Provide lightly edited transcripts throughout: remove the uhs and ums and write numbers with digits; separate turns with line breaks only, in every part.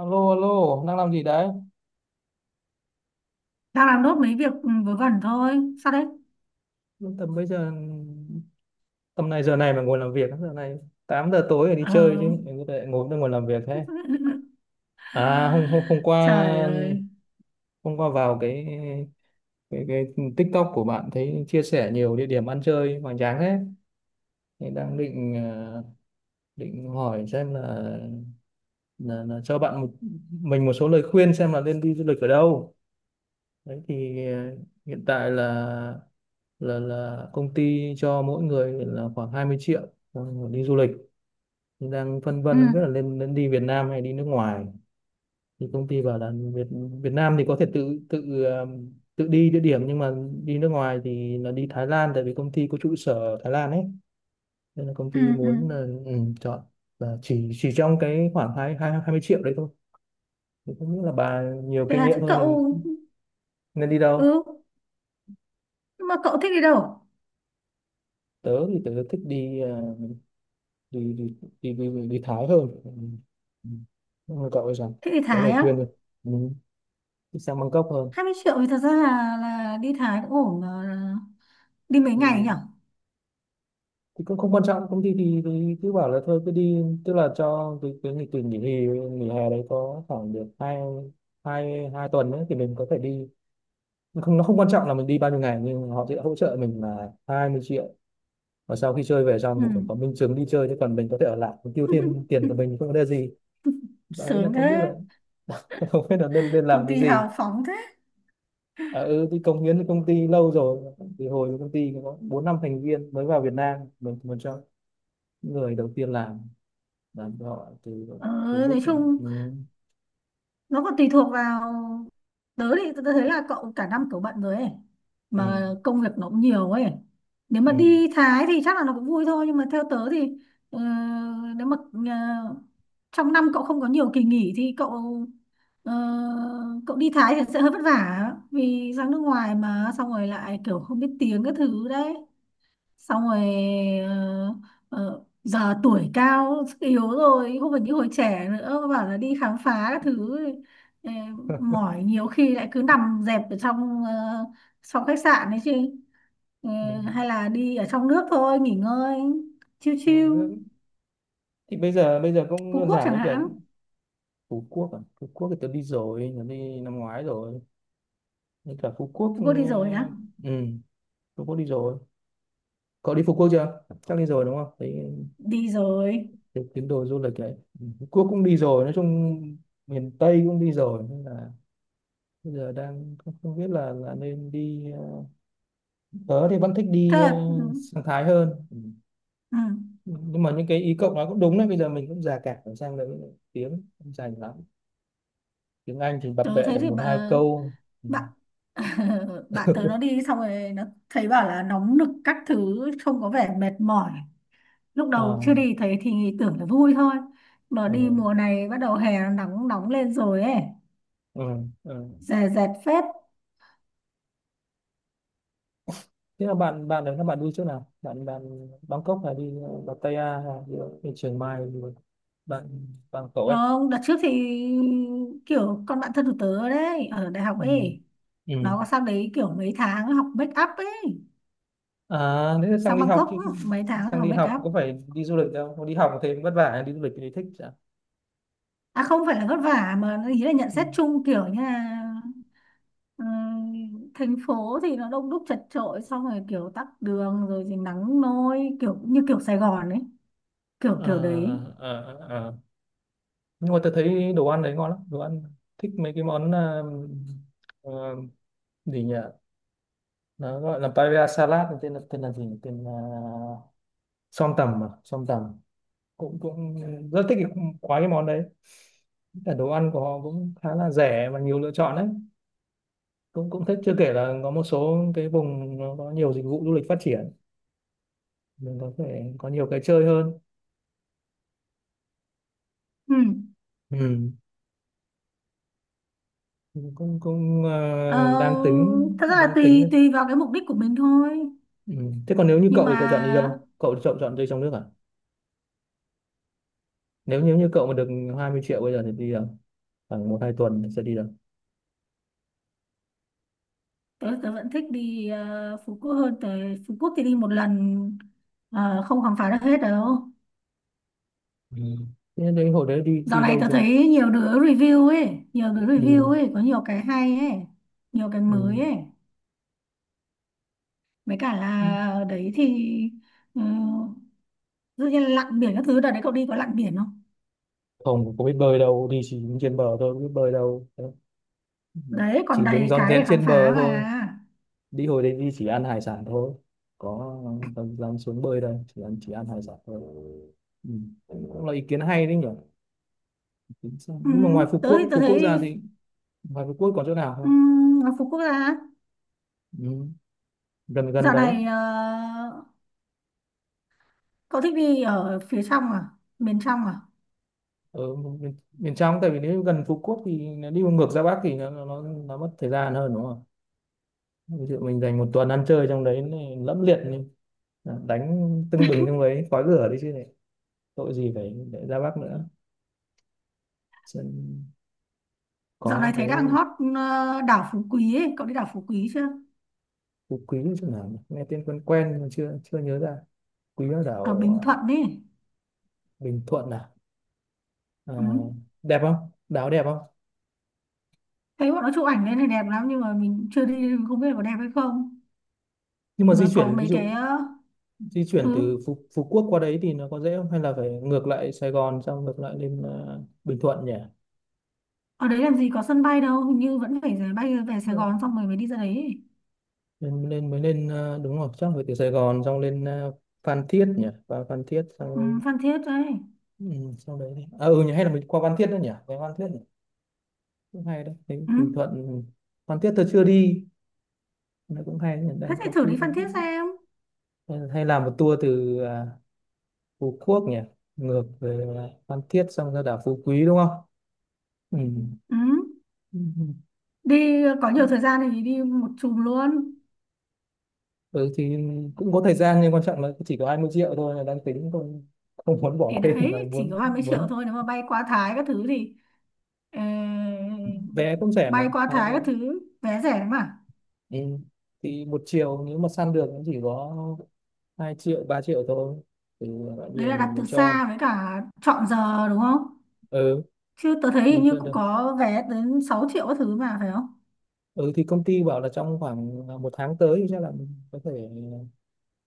Alo, alo, đang làm gì đấy?
Đang làm nốt mấy việc vớ vẩn thôi. Sao đấy?
Tầm bây giờ, tầm này giờ này mà ngồi làm việc, giờ này 8 giờ tối rồi đi
Ờ.
chơi chứ, mình có thể ngồi đây ngồi làm việc thế. À, hôm, hôm, hôm qua,
Trời ơi.
hôm qua vào cái TikTok của bạn thấy chia sẻ nhiều địa điểm ăn chơi hoành tráng thế. Thì đang định hỏi xem là mình một số lời khuyên xem là nên đi du lịch ở đâu. Đấy thì hiện tại là công ty cho mỗi người là khoảng 20 triệu ờ, đi du lịch, đang phân
Ừ,
vân không biết là nên nên đi Việt Nam hay đi nước ngoài. Thì công ty bảo là Việt Việt Nam thì có thể tự tự ờ, tự đi địa điểm, nhưng mà đi nước ngoài thì là đi Thái Lan, tại vì công ty có trụ sở ở Thái Lan ấy, nên là công
ừ,
ty
ừ.
muốn là, ừ, chọn, và chỉ trong cái khoảng hai hai hai mươi triệu đấy thôi. Thì không biết là bà nhiều
Thế
kinh
là
nghiệm
thế
hơn
cậu?
nên nên đi đâu.
Ừ, nhưng mà cậu thích đi đâu?
Tớ thì tớ thích đi ờ, đi đi đi đi, đi Thái hơn. Ừ. Ừ. Nhưng mà cậu ấy rằng
Thích đi
có
Thái
lời
á?
khuyên rồi. Ừ, đi sang Bangkok hơn.
20 triệu thì thật ra là đi Thái cũng ổn mà. Đi mấy
Ừ,
ngày nhỉ?
đúng. Thì cũng không quan trọng, công ty thì cứ bảo là thôi cứ đi, tức là cho cái nghỉ hè đấy có khoảng được hai hai hai tuần nữa thì mình có thể đi. Nó không quan trọng là mình đi bao nhiêu ngày, nhưng họ sẽ hỗ trợ mình là 20 triệu, và sau khi chơi về xong
Ừ.
thì phải có minh chứng đi chơi, chứ còn mình có thể ở lại mình tiêu thêm tiền của mình không có vấn đề gì. Đấy là
Sướng
không biết
thế.
là không biết là nên nên làm
Công
cái
ty
gì.
hào phóng thế.
Tôi cống hiến cho công ty lâu rồi, thì hồi công ty có bốn năm thành viên mới vào Việt Nam mình một cho người đầu tiên làm cho họ từ
Ừ.
từ lúc.
Nói
Ừ,
chung nó còn tùy thuộc vào. Tớ thì tớ thấy là cậu cả năm cậu bận rồi ấy,
ừ,
mà công việc nó cũng nhiều ấy. Nếu mà
ừ,
đi Thái thì chắc là nó cũng vui thôi, nhưng mà theo tớ thì ờ, nếu mà ờ, trong năm cậu không có nhiều kỳ nghỉ thì cậu ờ, cậu đi Thái thì sẽ hơi vất vả, vì sang nước ngoài mà xong rồi lại kiểu không biết tiếng các thứ đấy, xong rồi ờ, giờ tuổi cao sức yếu rồi không phải như hồi trẻ nữa bảo là đi khám phá các thứ, ờ, mỏi nhiều khi lại cứ nằm dẹp ở trong trong khách sạn đấy chứ. Ờ,
ừ,
hay là đi ở trong nước thôi nghỉ ngơi, chiêu
trong nước
chiêu.
ấy. Thì bây giờ cũng
Phú
đơn
Quốc
giản
chẳng
với cả
hạn.
Phú Quốc à. Phú Quốc thì tôi đi năm ngoái rồi. Với cả Phú Quốc,
Phú
ừ,
Quốc đi rồi á?
ừ, Phú Quốc đi rồi. Cậu đi Phú Quốc chưa? Chắc đi rồi đúng không thấy,
Đi rồi.
cái tín đồ du lịch đấy. Ừ, Phú Quốc cũng đi rồi, nói chung miền Tây cũng đi rồi, nên là bây giờ đang không không biết là nên đi tớ thì vẫn thích
Thế
đi
là. Ừ,
sang Thái hơn. Ừ.
ừ.
Nhưng mà những cái ý cậu nói cũng đúng đấy, bây giờ mình cũng già cả rồi, sang đấy tiếng không dành lắm, tiếng Anh thì bập
Tớ
bẹ
thấy
được
thì
một hai câu. Ừ.
bạn bạn tớ nó đi xong rồi nó thấy bảo là nóng nực các thứ, trông có vẻ mệt mỏi. Lúc
À,
đầu chưa đi thấy thì tưởng là vui thôi, mà đi
ừ.
mùa này bắt đầu hè nó nóng nóng lên rồi ấy.
Ừ. Ừ.
Dè dẹt phết.
Thế là bạn bạn đấy các bạn đi chỗ nào? Bạn bạn Bangkok hay đi Pattaya hay đi Chiang Mai đi? Bạn bạn cậu ấy.
Ờ, đợt trước thì kiểu con bạn thân của tớ đấy ở đại học
Ừ.
ấy,
Ừ.
nó có sang đấy kiểu mấy tháng học make up ấy.
À, nếu sang
Sang
đi học
Bangkok
chứ.
mấy tháng
Sang
học
đi
make
học
up.
có phải đi du lịch đâu, không đi học thì vất vả, đi du lịch thì thích chứ.
À, không phải là vất vả mà ý là nhận
Ừ.
xét chung kiểu như là, Ờ, thành phố thì nó đông đúc chật chội, xong rồi kiểu tắc đường, rồi thì nắng nôi kiểu như kiểu Sài Gòn ấy, kiểu
Ờ,
kiểu đấy.
ờ, ờ. Nhưng mà tôi thấy đồ ăn đấy ngon lắm. Đồ ăn, thích mấy cái món ờ, gì nhỉ, nó gọi là paella salad, tên là gì nhỉ? Tên là som tầm, à som tầm. Cũng cũng rất thích quá cái món đấy. Cả đồ ăn của họ cũng khá là rẻ và nhiều lựa chọn đấy, cũng cũng thích. Chưa kể là có một số cái vùng nó có nhiều dịch vụ du lịch phát triển, mình có thể có nhiều cái chơi hơn.
Ừ.
Ừ. cũng cũng ờ, đang
ờ,
tính
Thật ra là
đang
tùy
tính
tùy vào cái mục đích của mình thôi.
Ừ. Thế còn nếu như
Nhưng
cậu
mà
thì cậu chọn đi đâu? Cậu chọn chọn chơi trong nước à? Nếu nếu như cậu mà được 20 triệu bây giờ thì đi đâu? Khoảng một hai tuần sẽ đi đâu?
tớ tớ vẫn thích đi Phú Quốc hơn. Tới Phú Quốc thì đi một lần, không khám phá được hết đâu.
Ừ. Thế đấy hồi đấy đi
Dạo
đi
này
đâu
tớ
chưa?
thấy nhiều đứa review ấy, nhiều đứa review
Ừ.
ấy có nhiều cái hay ấy, nhiều cái mới
Ừ.
ấy. Mấy cả là ở đấy thì ờ, dụ như lặn biển các thứ, đợt đấy cậu đi có lặn biển không?
Không có biết bơi đâu, đi chỉ đứng trên bờ thôi, không biết bơi đâu. Thế. Ừ.
Đấy còn
Chỉ đứng
đầy
rón
cái để
rén
khám
trên
phá
bờ
mà.
thôi. Đi hồi đấy đi chỉ ăn hải sản thôi. Có dám dám xuống bơi đây, chỉ ăn hải sản thôi. Ừ. Cũng là ý kiến hay đấy nhỉ? Tính sao?
Ừ,
Nhưng mà ngoài Phú
tớ thì
Quốc,
tớ
Phú
thấy
Quốc ra
đi.
thì ngoài Phú Quốc còn chỗ nào
ừ,
không?
Ngắm phố quốc gia.
Ừ, gần gần
Dạo
đấy.
này cậu thích đi ở phía trong à? Miền trong à?
Ở miền trong, tại vì nếu gần Phú Quốc thì nó đi ngược ra Bắc thì nó mất thời gian hơn đúng không? Ví dụ mình dành 1 tuần ăn chơi trong đấy này, lẫm liệt này, đánh tưng bừng trong đấy khói lửa đấy chứ này, tội gì phải để ra Bắc nữa. Sơn
Dạo
có
này thấy đang
cái
hot đảo Phú Quý ấy. Cậu đi đảo Phú Quý chưa?
Phú Quý chỗ nào nhỉ? Nghe tên quen quen mà chưa chưa nhớ ra. Quý ở
Ở Bình
đảo
Thuận ấy.
Bình Thuận à, à
Ừ.
đẹp không, đảo đẹp không?
Thấy bọn nó chụp ảnh lên này đẹp lắm, nhưng mà mình chưa đi nên không biết là có đẹp hay không.
Nhưng mà
Mà
di
có
chuyển ví
mấy cái
dụ, di chuyển
ừ,
từ Phú Quốc qua đấy thì nó có dễ không, hay là phải ngược lại Sài Gòn xong ngược lại lên Bình Thuận nhỉ.
ở đấy làm gì có sân bay đâu, hình như vẫn phải rẽ bay về Sài
Ờ,
Gòn xong rồi mới đi ra đấy.
lên lên mới lên ờ, đúng rồi, chắc phải từ Sài Gòn xong lên Phan Thiết nhỉ, và Phan Thiết xong
Ừ,
rồi-
Phan Thiết đấy.
ừ, sau đấy đi. À, ừ nhỉ, hay là mình qua Phan Thiết nữa nhỉ, về Phan Thiết nhỉ? Cũng hay đấy. Thấy
Ừ.
Bình Thuận, ừ, Phan Thiết tôi chưa đi, nó cũng hay đấy nhỉ,
Thế
đang
thì
có
thử
khi
đi
có
Phan Thiết xem.
hay hay làm một tour từ Phú Quốc nhỉ, ngược về Phan Thiết xong ra đảo Phú Quý đúng không?
Ừ.
Ừ.
Đi có nhiều thời gian thì đi một chùm luôn.
Ừ thì cũng có thời gian, nhưng quan trọng là chỉ có 20 triệu thôi là đang tính không, không muốn bỏ
Thì
thêm, và
đấy chỉ
muốn
có hai mấy triệu
muốn
thôi, nếu mà bay qua Thái các thứ thì ờ,
vé cũng rẻ mà
bay qua
hai
Thái
vé.
các thứ vé rẻ mà.
Ừ. Thì một chiều nếu mà săn được cũng chỉ có 2 triệu 3 triệu thôi, thì bây
Đấy
giờ
là đặt
mình
từ
mình cho.
xa, với cả chọn giờ đúng không?
Ừ,
Chứ tớ thấy hình
mình
như
chưa
cũng
được.
có vé đến 6 triệu các thứ mà phải không?
Ừ thì công ty bảo là trong khoảng 1 tháng tới thì chắc là mình có thể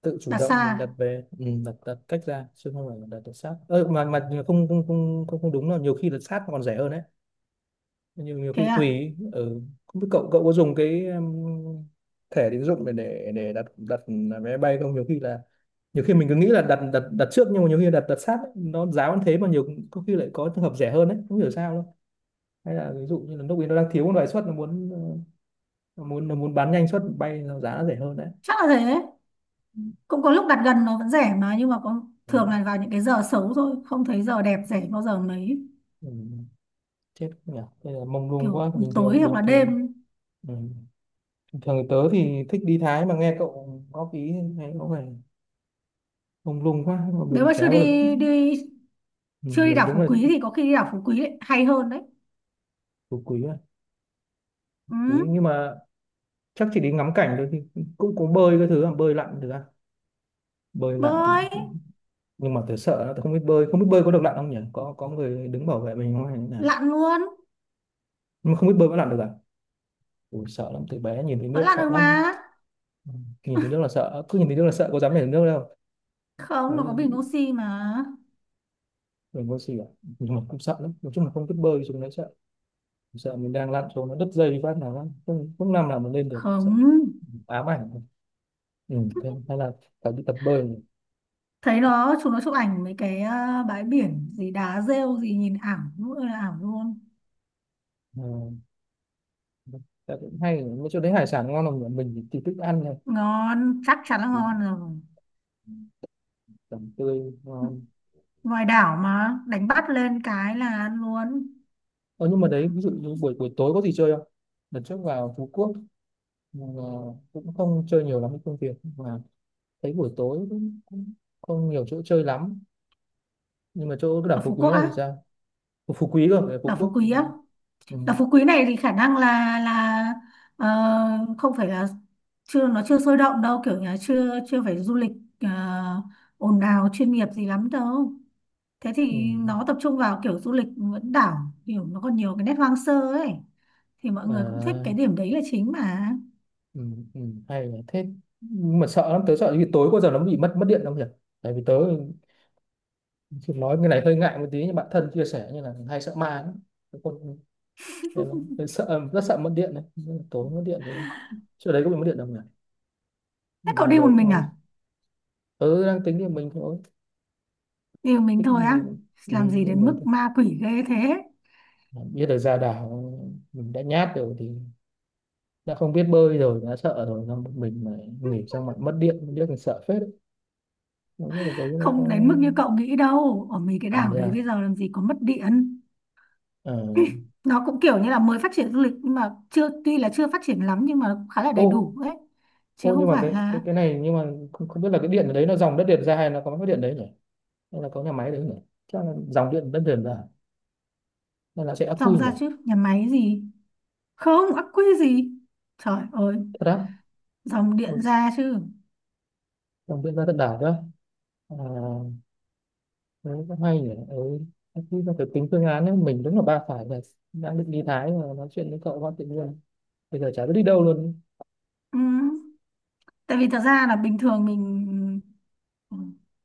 tự chủ
Đặt xa.
động mình đặt về, ừ, đặt đặt cách ra chứ không phải là đặt được sát, ơ mà không, không, không, không, không, đúng là nhiều khi đặt sát còn rẻ hơn đấy, nhưng nhiều
Thế
khi
à?
tùy. Ừ. Không biết cậu cậu có dùng cái thẻ tín dụng để đặt đặt vé bay không? Nhiều khi là, nhiều khi mình cứ nghĩ là đặt đặt đặt trước, nhưng mà nhiều khi đặt đặt sát ấy, nó giá vẫn thế mà nhiều có khi lại có trường hợp rẻ hơn đấy, không hiểu sao đâu. Hay là ví dụ như là lúc ấy nó đang thiếu một loại suất, nó muốn nó muốn bán nhanh suất bay nó giá nó rẻ hơn đấy.
Chắc là thế. Cũng có lúc đặt gần nó vẫn rẻ mà, nhưng mà có
Ừ.
thường là vào những cái giờ xấu thôi, không thấy giờ đẹp rẻ bao giờ mấy.
Ừ. Chết nhỉ, bây giờ mông lung
Kiểu
quá. bình
tối
thường
hoặc
bình
là
thường
đêm.
Ừ, bình thường thì tớ thì thích đi Thái, mà nghe cậu góp ý thấy có vẻ mông lung quá mà
Nếu
mình
mà chưa
chả có lực.
đi, đi
Ừ,
chưa đi
mình
đảo
đúng
Phú
là,
Quý thì có khi đi đảo Phú Quý lại hay hơn đấy.
của quý à,
Ừ.
quý, nhưng mà chắc chỉ đi ngắm cảnh thôi, thì cũng có bơi cái thứ à, bơi lặn. Thực ra bơi lặn
Bơi
thì- nhưng mà tớ sợ lắm, tớ không biết bơi, không biết bơi có được lặn không nhỉ, có người đứng bảo vệ mình không hay như thế nào,
lặn luôn.
nhưng mà không biết bơi có lặn được à? Ui, sợ lắm, từ bé nhìn thấy
Vẫn
nước
lặn
sợ
được mà.
lắm. Ừ, nhìn thấy nước là sợ, cứ nhìn thấy nước là sợ, có dám nhảy xuống nước đâu.
Không,
Đấy
nó có
là
bình oxy mà.
mình có gì cả, nhưng mà cũng sợ lắm, nói chung là không biết bơi xuống đấy sợ. Sợ mình đang lặn xuống nó đứt dây phát nào lắm không, không làm nào mà lên được, sợ
Không.
ám ảnh. Ừ, thế hay là phải đi tập bơi.
Thấy chúng nó chụp ảnh mấy cái bãi biển gì đá rêu gì nhìn ảo nữa là ảo luôn.
Ừ, dạ cũng hay, mấy chỗ đấy hải sản ngon, là mình thì thích ăn này.
Ngon chắc chắn là
Thì
ngon rồi.
tươi ngon.
Ngoài đảo mà đánh bắt lên cái là ăn luôn.
Ờ, nhưng mà đấy ví dụ như buổi buổi tối có gì chơi không? Lần trước vào Phú Quốc mà cũng không chơi nhiều lắm với công việc mà. Thấy buổi tối cũng cũng không nhiều chỗ chơi lắm. Nhưng mà chỗ cái đảo
Ở
Phú
Phú Quốc
Quý này
á?
thì sao? Ủa, Phú Quý cơ, ở Phú
Đảo Phú
Quốc, ừ,
Quý á.
ừ,
Đảo Phú Quý này thì khả năng là ờ, không phải là, chưa nó chưa sôi động đâu, kiểu nhà chưa chưa phải du lịch ờ, ồn ào chuyên nghiệp gì lắm đâu. Thế
ừ.
thì nó tập trung vào kiểu du lịch vẫn đảo, kiểu nó còn nhiều cái nét hoang sơ ấy. Thì mọi người cũng thích cái
À,
điểm đấy là chính mà.
ừ, ừ, hay là thế, nhưng mà sợ lắm, tớ sợ vì tối có giờ nó bị mất mất điện không nhỉ, tại vì tớ, chị nói cái này hơi ngại một tí nhưng bạn thân chia sẻ như là hay sợ ma lắm. Cái con, nên là sợ, rất sợ mất điện đấy. Tối mất điện rồi. Chỗ đấy có bị mất điện đâu nhỉ?
Thế cậu
Đi
đi một
đâu cũng
mình
thôi.
à?
Ừ, đang tính thì mình thôi.
Đi một mình
Thích
thôi á?
mình, ừ,
Làm gì đến
mình
mức
thôi.
ma quỷ ghê thế.
Biết được ra đảo, mình đã nhát rồi thì đã không biết bơi rồi đã sợ rồi, xong một mình mà nghỉ xong lại mất điện, biết mình sợ phết đấy. Không biết được đấy nó có,
Không đến mức như cậu nghĩ đâu, ở mấy cái
à,
đảo đấy bây
ra,
giờ làm gì có mất điện.
ờ,
Nó cũng kiểu như là mới phát triển du lịch, nhưng mà chưa tuy là chưa phát triển lắm, nhưng mà nó cũng khá là đầy
ô,
đủ đấy, chứ
ô, nhưng
không
mà
phải
cái
là.
cái cái này nhưng mà không, không biết là cái điện ở đấy nó dòng đất điện ra hay nó có mất điện đấy nhỉ? Nên là có nhà máy đấy nữa, chắc là dòng điện đất liền rồi, nên là sẽ ắc
Dòng
quy rồi.
ra chứ nhà máy gì. Không ắc quy gì. Trời ơi.
Thật á?
Dòng
Ừ,
điện ra chứ.
dòng điện ra tận đảo đó, à, đấy cũng hay nhỉ. Ừ, ắc quy là phải tính phương án ấy. Mình đúng là ba phải này, đang định đi Thái mà nói chuyện với cậu quá tự nhiên bây giờ chả biết đi đâu luôn.
Ừ. Tại vì thật ra là bình thường mình, ừ,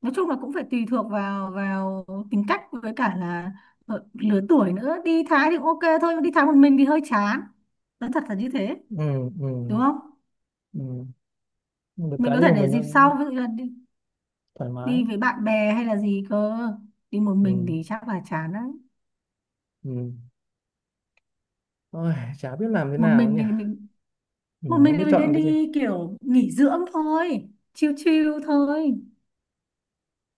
nói chung là cũng phải tùy thuộc vào vào tính cách, với cả là lứa tuổi nữa. Đi Thái thì cũng ok thôi, nhưng đi Thái một mình thì hơi chán, nói thật là như thế.
Ừ,
Đúng
ừ,
không?
ừ. Được
Mình
cái
có thể
điều
để
mình nó
dịp sau, ví dụ như là đi
thoải
đi
mái.
với bạn bè hay là gì cơ. Đi một
Ừ,
mình thì chắc là chán lắm.
ừ. Ôi, chả biết làm thế
một
nào
mình
nhỉ.
thì mình
Ừ,
Một mình
không biết
thì mình
chọn
nên
cái gì.
đi kiểu nghỉ dưỡng thôi, chill chill thôi.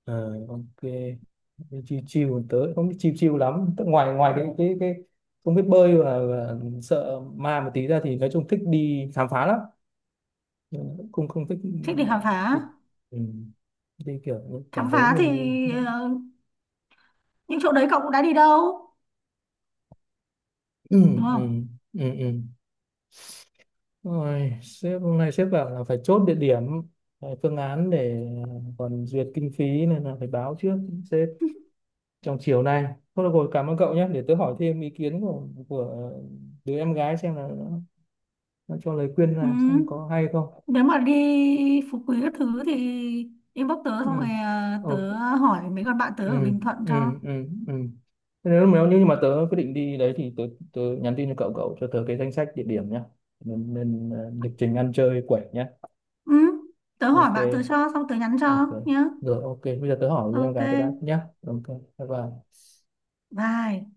Ờ, ok. Đi chiêu chiêu tớ không biết chiêu chiêu lắm, tức ngoài ngoài cái không biết bơi và sợ ma một tí ra thì nói chung thích đi khám phá lắm. Nhưng mà cũng không, không thích
Thích đi khám
đi,
phá.
ừ, đi kiểu như
Khám
cảm thấy
phá thì
mình,
ờ, những chỗ đấy cậu cũng đã đi đâu,
ừ,
đúng
ừ,
không?
ừ, ừ. Ừ. Rồi, sếp hôm nay sếp bảo là phải chốt địa điểm, phải phương án để còn duyệt kinh phí, nên là phải báo trước sếp trong chiều nay. Thôi được rồi, cảm ơn cậu nhé, để tớ hỏi thêm ý kiến của đứa em gái xem là nó cho lời khuyên
Ừ.
là xem có hay không.
Nếu mà đi Phú Quý các thứ thì inbox tớ,
Ừ.
xong rồi
Ừ,
tớ hỏi mấy con bạn tớ
ừ,
ở Bình Thuận
ừ,
cho.
ừ, ừ, ừ. Thế nếu nếu như mà tớ quyết định đi đấy thì tớ, tớ nhắn tin cho cậu, cậu cho tớ cái danh sách địa điểm nhá, nên, nên lịch trình ăn chơi quẩy nhá.
Ừ. Tớ hỏi
Ok.
bạn tớ cho xong tớ nhắn cho
Ok.
nhá.
Rồi, ok, bây giờ tớ hỏi em
Ok.
gái tớ đã nhá. Ok. Bye bye.
Bye.